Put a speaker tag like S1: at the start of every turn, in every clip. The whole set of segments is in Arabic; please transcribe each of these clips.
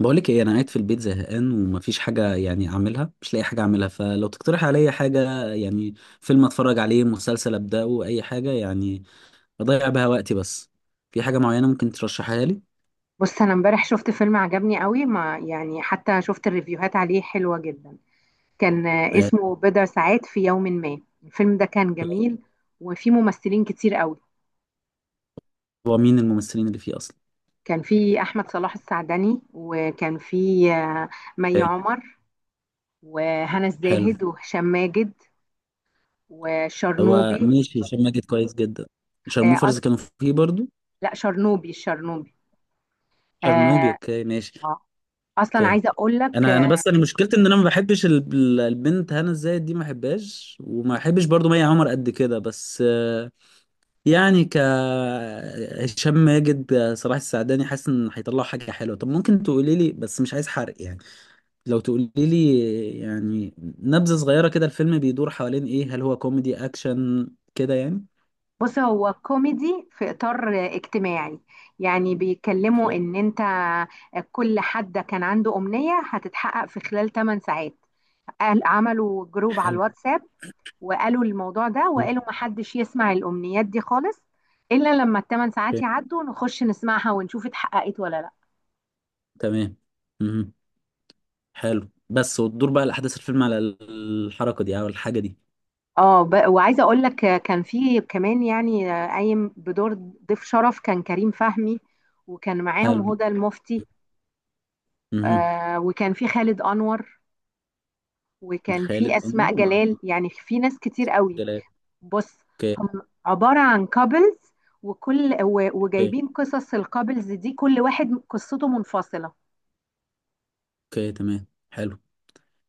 S1: بقولك ايه، انا قاعد في البيت زهقان ومفيش حاجه يعني اعملها، مش لاقي حاجه اعملها. فلو تقترح عليا حاجه، يعني فيلم اتفرج عليه، مسلسل ابداه، اي حاجه يعني اضيع بها وقتي بس. في حاجه معينه ممكن ترشحها لي؟
S2: بص انا امبارح شفت فيلم عجبني قوي ما يعني حتى شفت الريفيوهات عليه حلوة جدا. كان
S1: آه،
S2: اسمه بضع ساعات في يوم ما. الفيلم ده كان جميل، وفيه ممثلين كتير قوي.
S1: هو مين الممثلين اللي فيه اصلا؟
S2: كان فيه احمد صلاح السعدني، وكان فيه آه، مي
S1: آه،
S2: عمر وهنا
S1: حلو.
S2: الزاهد وهشام ماجد
S1: هو
S2: وشرنوبي.
S1: ماشي، هشام ماجد كويس جدا.
S2: آه، أص...
S1: شارموفرز كانوا فيه برضو.
S2: لا، شرنوبي الشرنوبي.
S1: شرنوبي،
S2: آه،
S1: اوكي ماشي.
S2: آه. اصلا
S1: اوكي.
S2: عايزه اقول لك،
S1: انا بس انا مشكلتي ان انا ما بحبش البنت هنا الزاهد دي، ما بحبهاش، وما بحبش برضو مي عمر قد كده، بس يعني هشام ماجد صلاح السعداني، حاسس ان هيطلعوا حاجه حلوه. طب ممكن تقولي لي؟ بس مش عايز حرق يعني. لو تقولي لي يعني نبذه صغيره كده، الفيلم بيدور حوالين ايه؟ هل هو كوميدي اكشن كده يعني؟
S2: بص هو كوميدي في إطار اجتماعي. يعني بيتكلموا إن أنت كل حد كان عنده أمنية هتتحقق في خلال 8 ساعات، قال عملوا جروب على
S1: حلو.
S2: الواتساب وقالوا الموضوع ده،
S1: اوكي
S2: وقالوا محدش يسمع الأمنيات دي خالص إلا لما الثمان ساعات يعدوا نخش نسمعها ونشوف اتحققت ولا لا.
S1: تمام. مهم. حلو، بس وتدور بقى الاحداث الفيلم على الحركه دي او الحاجه دي؟
S2: وعايزة أقول لك، كان في كمان يعني قايم بدور ضيف شرف كان كريم فهمي، وكان معاهم
S1: حلو.
S2: هدى المفتي.
S1: امم.
S2: وكان في خالد أنور، وكان
S1: خالد
S2: في
S1: انور
S2: اسماء
S1: مع
S2: جلال.
S1: عبد
S2: يعني في ناس كتير قوي.
S1: الجلال؟
S2: بص،
S1: اوكي.
S2: هم عباره عن كابلز،
S1: اوكي
S2: وجايبين قصص الكابلز دي، كل واحد قصته منفصله.
S1: اوكي تمام حلو.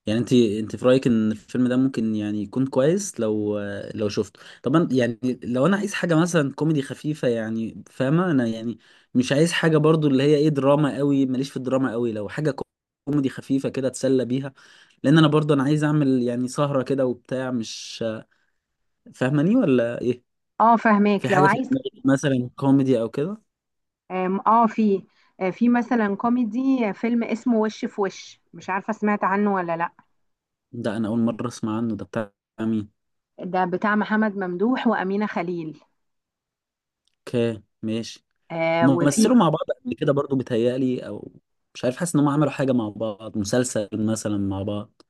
S1: يعني انت في رايك ان الفيلم ده ممكن يعني يكون كويس، لو شفته طبعا يعني؟ لو انا عايز حاجه مثلا كوميدي خفيفه، يعني فاهمه انا يعني، مش عايز حاجه برضو اللي هي ايه، دراما قوي، ماليش في الدراما قوي. لو حاجه كوميدي خفيفه كده اتسلى بيها، لان انا برضو انا عايز اعمل يعني سهره كده وبتاع، مش فاهماني ولا ايه؟
S2: اه
S1: في
S2: فهماك. لو
S1: حاجه في
S2: عايز،
S1: دماغك مثلا كوميدي او كده؟
S2: آم، اه في آه، في مثلا كوميدي، فيلم اسمه وش في وش، مش عارفه سمعت عنه ولا لا.
S1: ده انا اول مره اسمع عنه. ده بتاع مين؟
S2: ده بتاع محمد ممدوح وامينه خليل.
S1: اوكي ماشي.
S2: آه وفي،
S1: ممثلوا مع بعض قبل كده برضو، بيتهيألي، او مش عارف، حاسس ان هم عملوا حاجه مع بعض، مسلسل مثلا مع بعض.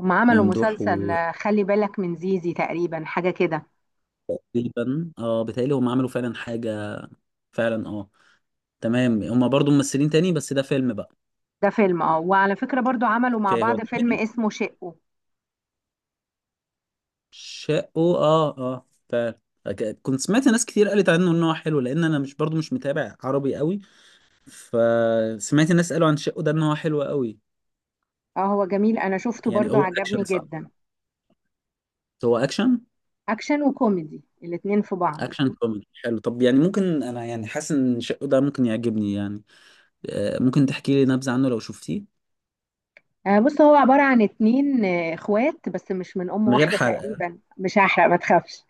S2: هم عملوا
S1: ممدوح
S2: مسلسل
S1: و
S2: خلي بالك من زيزي تقريبا، حاجه كده.
S1: تقريبا اه، بيتهيألي هم عملوا فعلا حاجه. فعلا اه. تمام، هم برضو ممثلين تاني، بس ده فيلم بقى.
S2: ده فيلم اه، وعلى فكره برضو عملوا مع
S1: اوكي، هو
S2: بعض فيلم
S1: كوميدي؟
S2: اسمه شقه.
S1: شقه، اه اه فعلا. كنت سمعت ناس كتير قالت عنه ان هو حلو، لان انا مش برضو مش متابع عربي قوي. فسمعت الناس قالوا عن شقه ده ان هو حلو قوي.
S2: اه هو جميل، انا شفته
S1: يعني
S2: برضو
S1: هو
S2: عجبني
S1: اكشن صح؟
S2: جدا.
S1: هو اكشن؟
S2: اكشن وكوميدي الاتنين في بعض.
S1: اكشن كوميدي حلو. طب يعني ممكن، انا يعني حاسس ان شقه ده ممكن يعجبني يعني. ممكن تحكي لي نبذة عنه لو شفتيه؟
S2: آه بص، هو عبارة عن اتنين اخوات، بس مش من ام
S1: من غير
S2: واحدة
S1: حرق.
S2: تقريبا. مش هحرق، ما تخافش.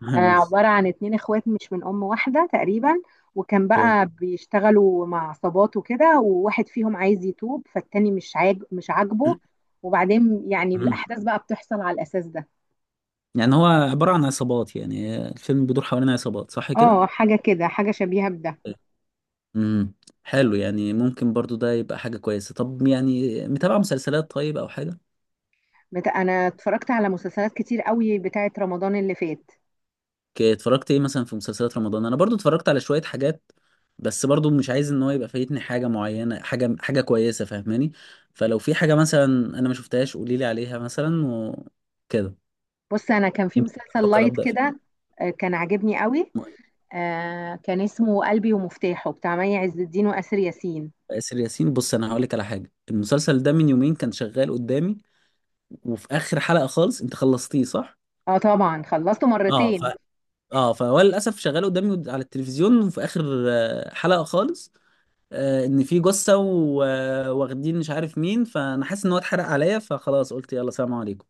S2: آه،
S1: ماشي.
S2: عبارة عن اتنين اخوات مش من ام واحدة تقريبا، وكان
S1: اوكي.
S2: بقى بيشتغلوا مع عصابات وكده، وواحد فيهم عايز يتوب، فالتاني مش عاجبه. وبعدين يعني
S1: مم.
S2: الاحداث بقى بتحصل على الاساس ده.
S1: يعني هو عبارة عن عصابات يعني، الفيلم بيدور حوالين عصابات صح كده؟
S2: اه حاجة كده، حاجة شبيهة بده.
S1: امم. حلو، يعني ممكن برضو ده يبقى حاجة كويسة. طب يعني متابعة مسلسلات طيب او حاجة؟
S2: انا اتفرجت على مسلسلات كتير قوي بتاعت رمضان اللي فات.
S1: اتفرجت ايه مثلا في مسلسلات رمضان؟ انا برضو اتفرجت على شوية حاجات، بس برضو مش عايز ان هو يبقى فايتني حاجة معينة، حاجة حاجة كويسة، فاهماني. فلو في حاجة مثلا انا ما شفتهاش قولي لي عليها مثلا وكده.
S2: بص، انا كان في
S1: يمكن
S2: مسلسل
S1: افكر
S2: لايت
S1: ابدا في
S2: كده، كان عاجبني قوي. كان اسمه قلبي ومفتاحه، بتاع مي عز الدين واسر ياسين.
S1: آسر ياسين. بص، انا هقول لك على حاجة، المسلسل ده من يومين كان شغال قدامي، وفي اخر حلقة خالص، انت خلصتيه صح؟
S2: اه طبعا خلصته
S1: اه ف
S2: مرتين.
S1: اه فهو للاسف شغال قدامي على التلفزيون، وفي اخر حلقة خالص ان في جثه واخدين مش عارف مين، فانا حاسس ان هو اتحرق عليا، فخلاص قلت يلا سلام عليكم.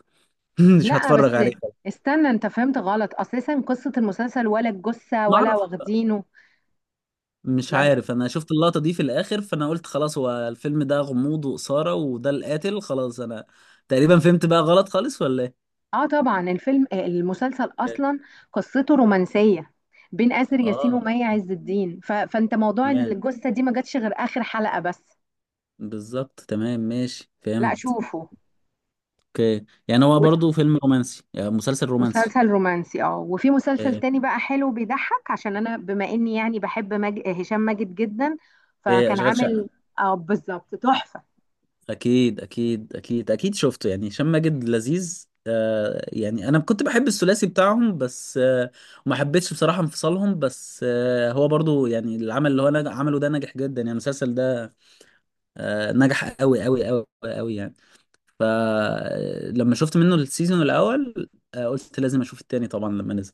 S1: مش
S2: لا
S1: هتفرج
S2: بس
S1: عليه خلاص.
S2: استنى، انت فهمت غلط اساسا قصة المسلسل ولا الجثة
S1: ما
S2: ولا
S1: اعرف.
S2: واخدينه.
S1: مش
S2: مال-
S1: عارف، انا شفت اللقطه دي في الاخر، فانا قلت خلاص هو الفيلم ده غموض واثاره، وده القاتل خلاص، انا تقريبا فهمت بقى غلط خالص ولا ايه؟
S2: اه طبعا الفيلم، المسلسل اصلا قصته رومانسية بين اسر ياسين
S1: اه
S2: ومي عز الدين. فانت موضوع
S1: تمام.
S2: الجثة دي ما جاتش غير اخر حلقة بس.
S1: بالظبط تمام ماشي
S2: لا
S1: فهمت.
S2: شوفه.
S1: اوكي، يعني هو برضو فيلم رومانسي، يعني مسلسل رومانسي.
S2: مسلسل رومانسي اه. وفي مسلسل
S1: آه،
S2: تاني بقى حلو بيضحك، عشان انا بما اني يعني بحب هشام ماجد جدا،
S1: آه،
S2: فكان
S1: اشغال
S2: عامل.
S1: شقه.
S2: اه بالظبط، تحفة.
S1: اكيد اكيد اكيد اكيد شفته، يعني هشام ماجد لذيذ. آه يعني انا كنت بحب الثلاثي بتاعهم، بس ما حبيتش بصراحة انفصالهم. بس هو برضو يعني العمل اللي هو عمله ده نجح جدا يعني المسلسل ده، نجح قوي قوي قوي قوي يعني. فلما شفت منه السيزون الاول، قلت لازم اشوف التاني طبعا لما نزل.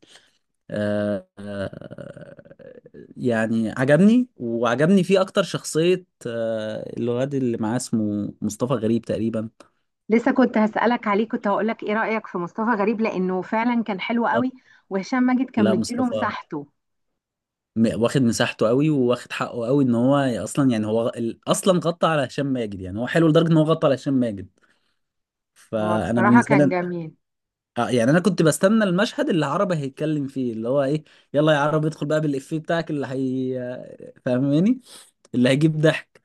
S1: آه آه يعني عجبني، وعجبني فيه اكتر شخصية الواد اللي معاه، اسمه مصطفى غريب تقريبا.
S2: لسه كنت هسألك عليه، كنت هقول لك ايه رأيك في مصطفى غريب؟ لانه فعلا كان حلو قوي، وهشام ماجد كان
S1: لا،
S2: مديله
S1: مصطفى
S2: مساحته.
S1: واخد مساحته قوي، وواخد حقه قوي، ان هو اصلا يعني هو اصلا غطى على هشام ماجد. يعني هو حلو لدرجه ان هو غطى على هشام ماجد،
S2: هو
S1: فانا
S2: بصراحة
S1: بالنسبه
S2: كان
S1: لي
S2: جميل.
S1: يعني انا كنت بستنى المشهد اللي عربه هيتكلم فيه، اللي هو ايه، يلا يا عربي ادخل بقى بالافيه بتاعك، اللي هي فاهماني، اللي هيجيب ضحك.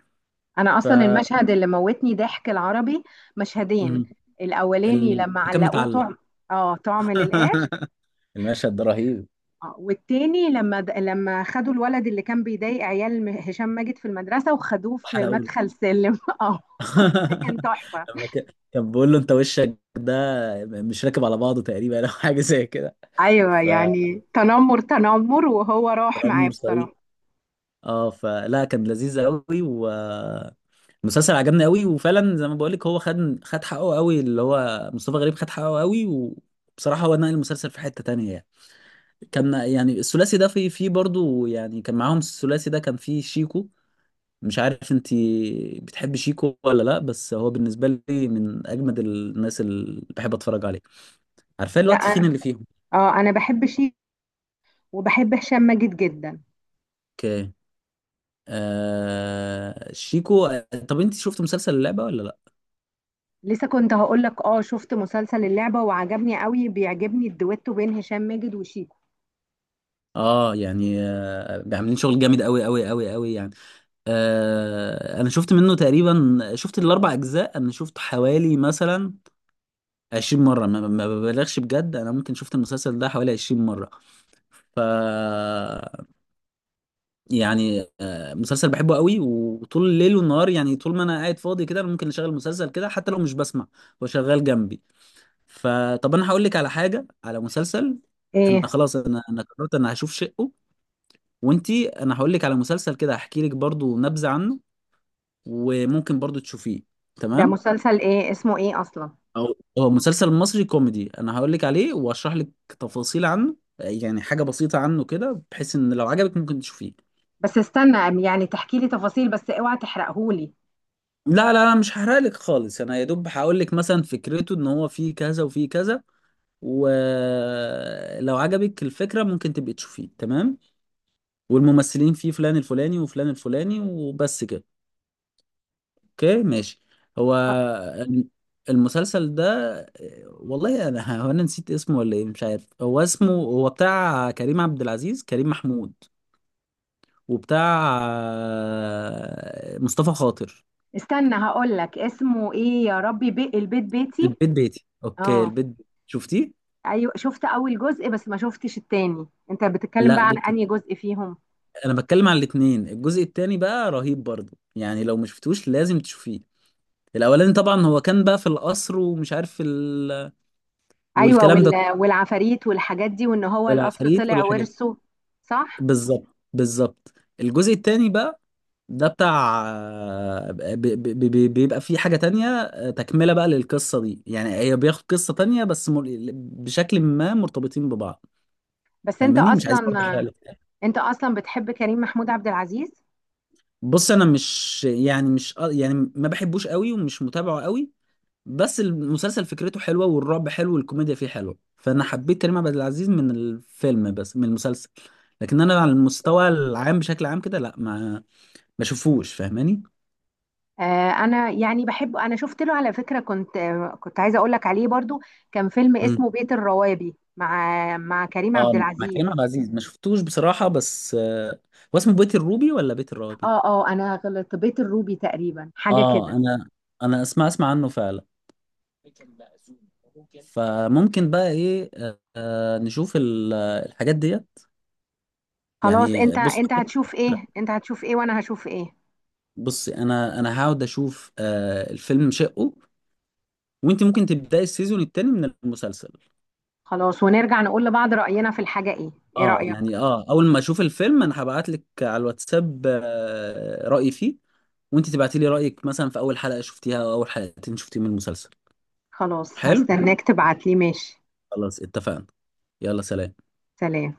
S2: انا
S1: ف
S2: اصلا المشهد اللي موتني ضحك العربي مشهدين:
S1: مم.
S2: الاولاني لما
S1: كان
S2: علقوه
S1: متعلق.
S2: طعم. اه طعم للقاع.
S1: المشهد ده رهيب.
S2: اه، والتاني لما خدوا الولد اللي كان بيضايق عيال هشام ماجد في المدرسة، وخدوه في
S1: حلقه اولى.
S2: مدخل سلم. اه ده كان تحفة.
S1: لما كان بيقول له انت وشك ده مش راكب على بعضه تقريبا، او حاجه زي كده.
S2: ايوه
S1: فرامي
S2: يعني تنمر تنمر، وهو راح معاه
S1: مرسلين.
S2: بصراحة.
S1: اه فلا، كان لذيذ قوي، والمسلسل عجبني قوي، وفعلا زي ما بقول لك، هو خد حقه قوي، اللي هو مصطفى غريب خد حقه قوي، وبصراحة هو نقل المسلسل في حتة تانية يعني. كان يعني الثلاثي ده في برضه يعني، كان معاهم الثلاثي ده، كان فيه شيكو، مش عارف انت بتحب شيكو ولا لا، بس هو بالنسبة لي من اجمد الناس اللي بحب اتفرج عليه، عارفاه، اللي
S2: لا
S1: هو التخين
S2: أنا-
S1: اللي فيهم.
S2: اه انا بحب وبحب هشام ماجد جدا.
S1: اوكي شيكو. طب انت شفت مسلسل اللعبة ولا لا؟
S2: لسه كنت هقول لك، اه شفت مسلسل اللعبة وعجبني قوي. بيعجبني الدويتو بين هشام ماجد وشيكو.
S1: اه يعني عاملين شغل جامد قوي قوي قوي قوي يعني. انا شفت منه تقريبا، شفت الاربع اجزاء، انا شفت حوالي مثلا 20 مره، ما ببالغش بجد، انا ممكن شفت المسلسل ده حوالي 20 مره. ف يعني مسلسل بحبه قوي، وطول الليل والنهار يعني، طول ما انا قاعد فاضي كده، انا ممكن اشغل مسلسل كده حتى لو مش بسمع، هو شغال جنبي. فطب انا هقول لك على حاجه، على مسلسل. انا
S2: ايه،
S1: خلاص، انا قررت انا هشوف شقه. وانتي، انا هقول لك على مسلسل كده، هحكي لك برضو نبذة عنه، وممكن برضو تشوفيه.
S2: ده
S1: تمام.
S2: مسلسل ايه؟ اسمه ايه اصلا؟
S1: أو، هو مسلسل مصري كوميدي، انا هقول لك عليه واشرح لك تفاصيل عنه، يعني حاجة بسيطة عنه كده، بحيث ان لو عجبك ممكن تشوفيه.
S2: بس استنى، يعني تحكي لي تفاصيل بس اوعى تحرقهولي.
S1: لا لا لا، مش هحرق لك خالص، انا يا دوب هقول لك مثلا فكرته، ان هو فيه كذا وفيه كذا، ولو عجبك الفكرة ممكن تبقي تشوفيه. تمام. والممثلين فيه فلان الفلاني وفلان الفلاني، وبس كده. اوكي ماشي. هو الم- المسلسل ده، والله انا هو انا نسيت اسمه ولا ايه، مش عارف، هو اسمه، هو بتاع كريم عبد العزيز، كريم محمود، وبتاع مصطفى خاطر.
S2: استنى هقول لك اسمه ايه. يا ربي، البيت بيتي.
S1: البيت بيتي، اوكي.
S2: اه
S1: البيت بيتي. شفتيه؟
S2: ايوه، شفت اول جزء بس ما شفتش التاني. انت بتتكلم
S1: لا
S2: بقى عن
S1: بص،
S2: انهي جزء فيهم؟
S1: انا بتكلم على الاتنين. الجزء التاني بقى رهيب برضه، يعني لو ما شفتوش لازم تشوفيه. الاولاني طبعا هو كان بقى في القصر، ومش عارف
S2: ايوه،
S1: والكلام ده كله.
S2: والعفاريت والحاجات دي، وان هو القصر
S1: والعفاريت
S2: طلع
S1: والحاجات.
S2: ورثه. صح.
S1: بالظبط بالظبط. الجزء التاني بقى ده بتاع بيبقى فيه حاجة تانية، تكملة بقى للقصة دي. يعني هي بياخد قصة تانية، بس بشكل ما مرتبطين ببعض،
S2: بس انت
S1: فاهماني، مش
S2: اصلا
S1: عايز برضه احرق لك.
S2: انت اصلا بتحب كريم محمود عبد العزيز.
S1: بص، انا مش يعني، مش يعني ما بحبوش قوي ومش متابعه قوي، بس المسلسل فكرته حلوة والرعب حلو والكوميديا فيه حلوة، فانا حبيت كريم عبد العزيز من الفيلم، بس من المسلسل. لكن انا على المستوى العام بشكل عام كده لا، ما بشوفوش، فاهماني.
S2: آه انا يعني بحب. انا شفت له على فكرة، كنت كنت عايزة اقول لك عليه برضو. كان فيلم اسمه بيت الروابي مع كريم
S1: اه،
S2: عبد
S1: مع
S2: العزيز.
S1: كريم عبد العزيز ما شفتوش بصراحه، بس هو اسمه بيت الروبي ولا بيت الروبي؟
S2: اه انا غلطت، بيت الروبي تقريبا حاجة
S1: اه،
S2: كده.
S1: انا اسمع عنه فعلا، فممكن بقى ايه نشوف الحاجات دي.
S2: خلاص،
S1: يعني بص.
S2: انت هتشوف ايه وانا هشوف ايه.
S1: بص انا، هقعد اشوف الفيلم شقه، وانت ممكن تبداي السيزون الثاني من المسلسل.
S2: خلاص، ونرجع نقول لبعض رأينا في الحاجة. ايه
S1: اه
S2: رأيك؟
S1: يعني، اه اول ما اشوف الفيلم انا هبعت لك على الواتساب رأيي فيه. وانت تبعتي لي رأيك مثلا في اول حلقة شفتيها او اول حلقتين شفتيهم من المسلسل.
S2: خلاص
S1: حلو.
S2: هستناك تبعت لي، ماشي.
S1: خلاص اتفقنا. يلا سلام.
S2: سلام.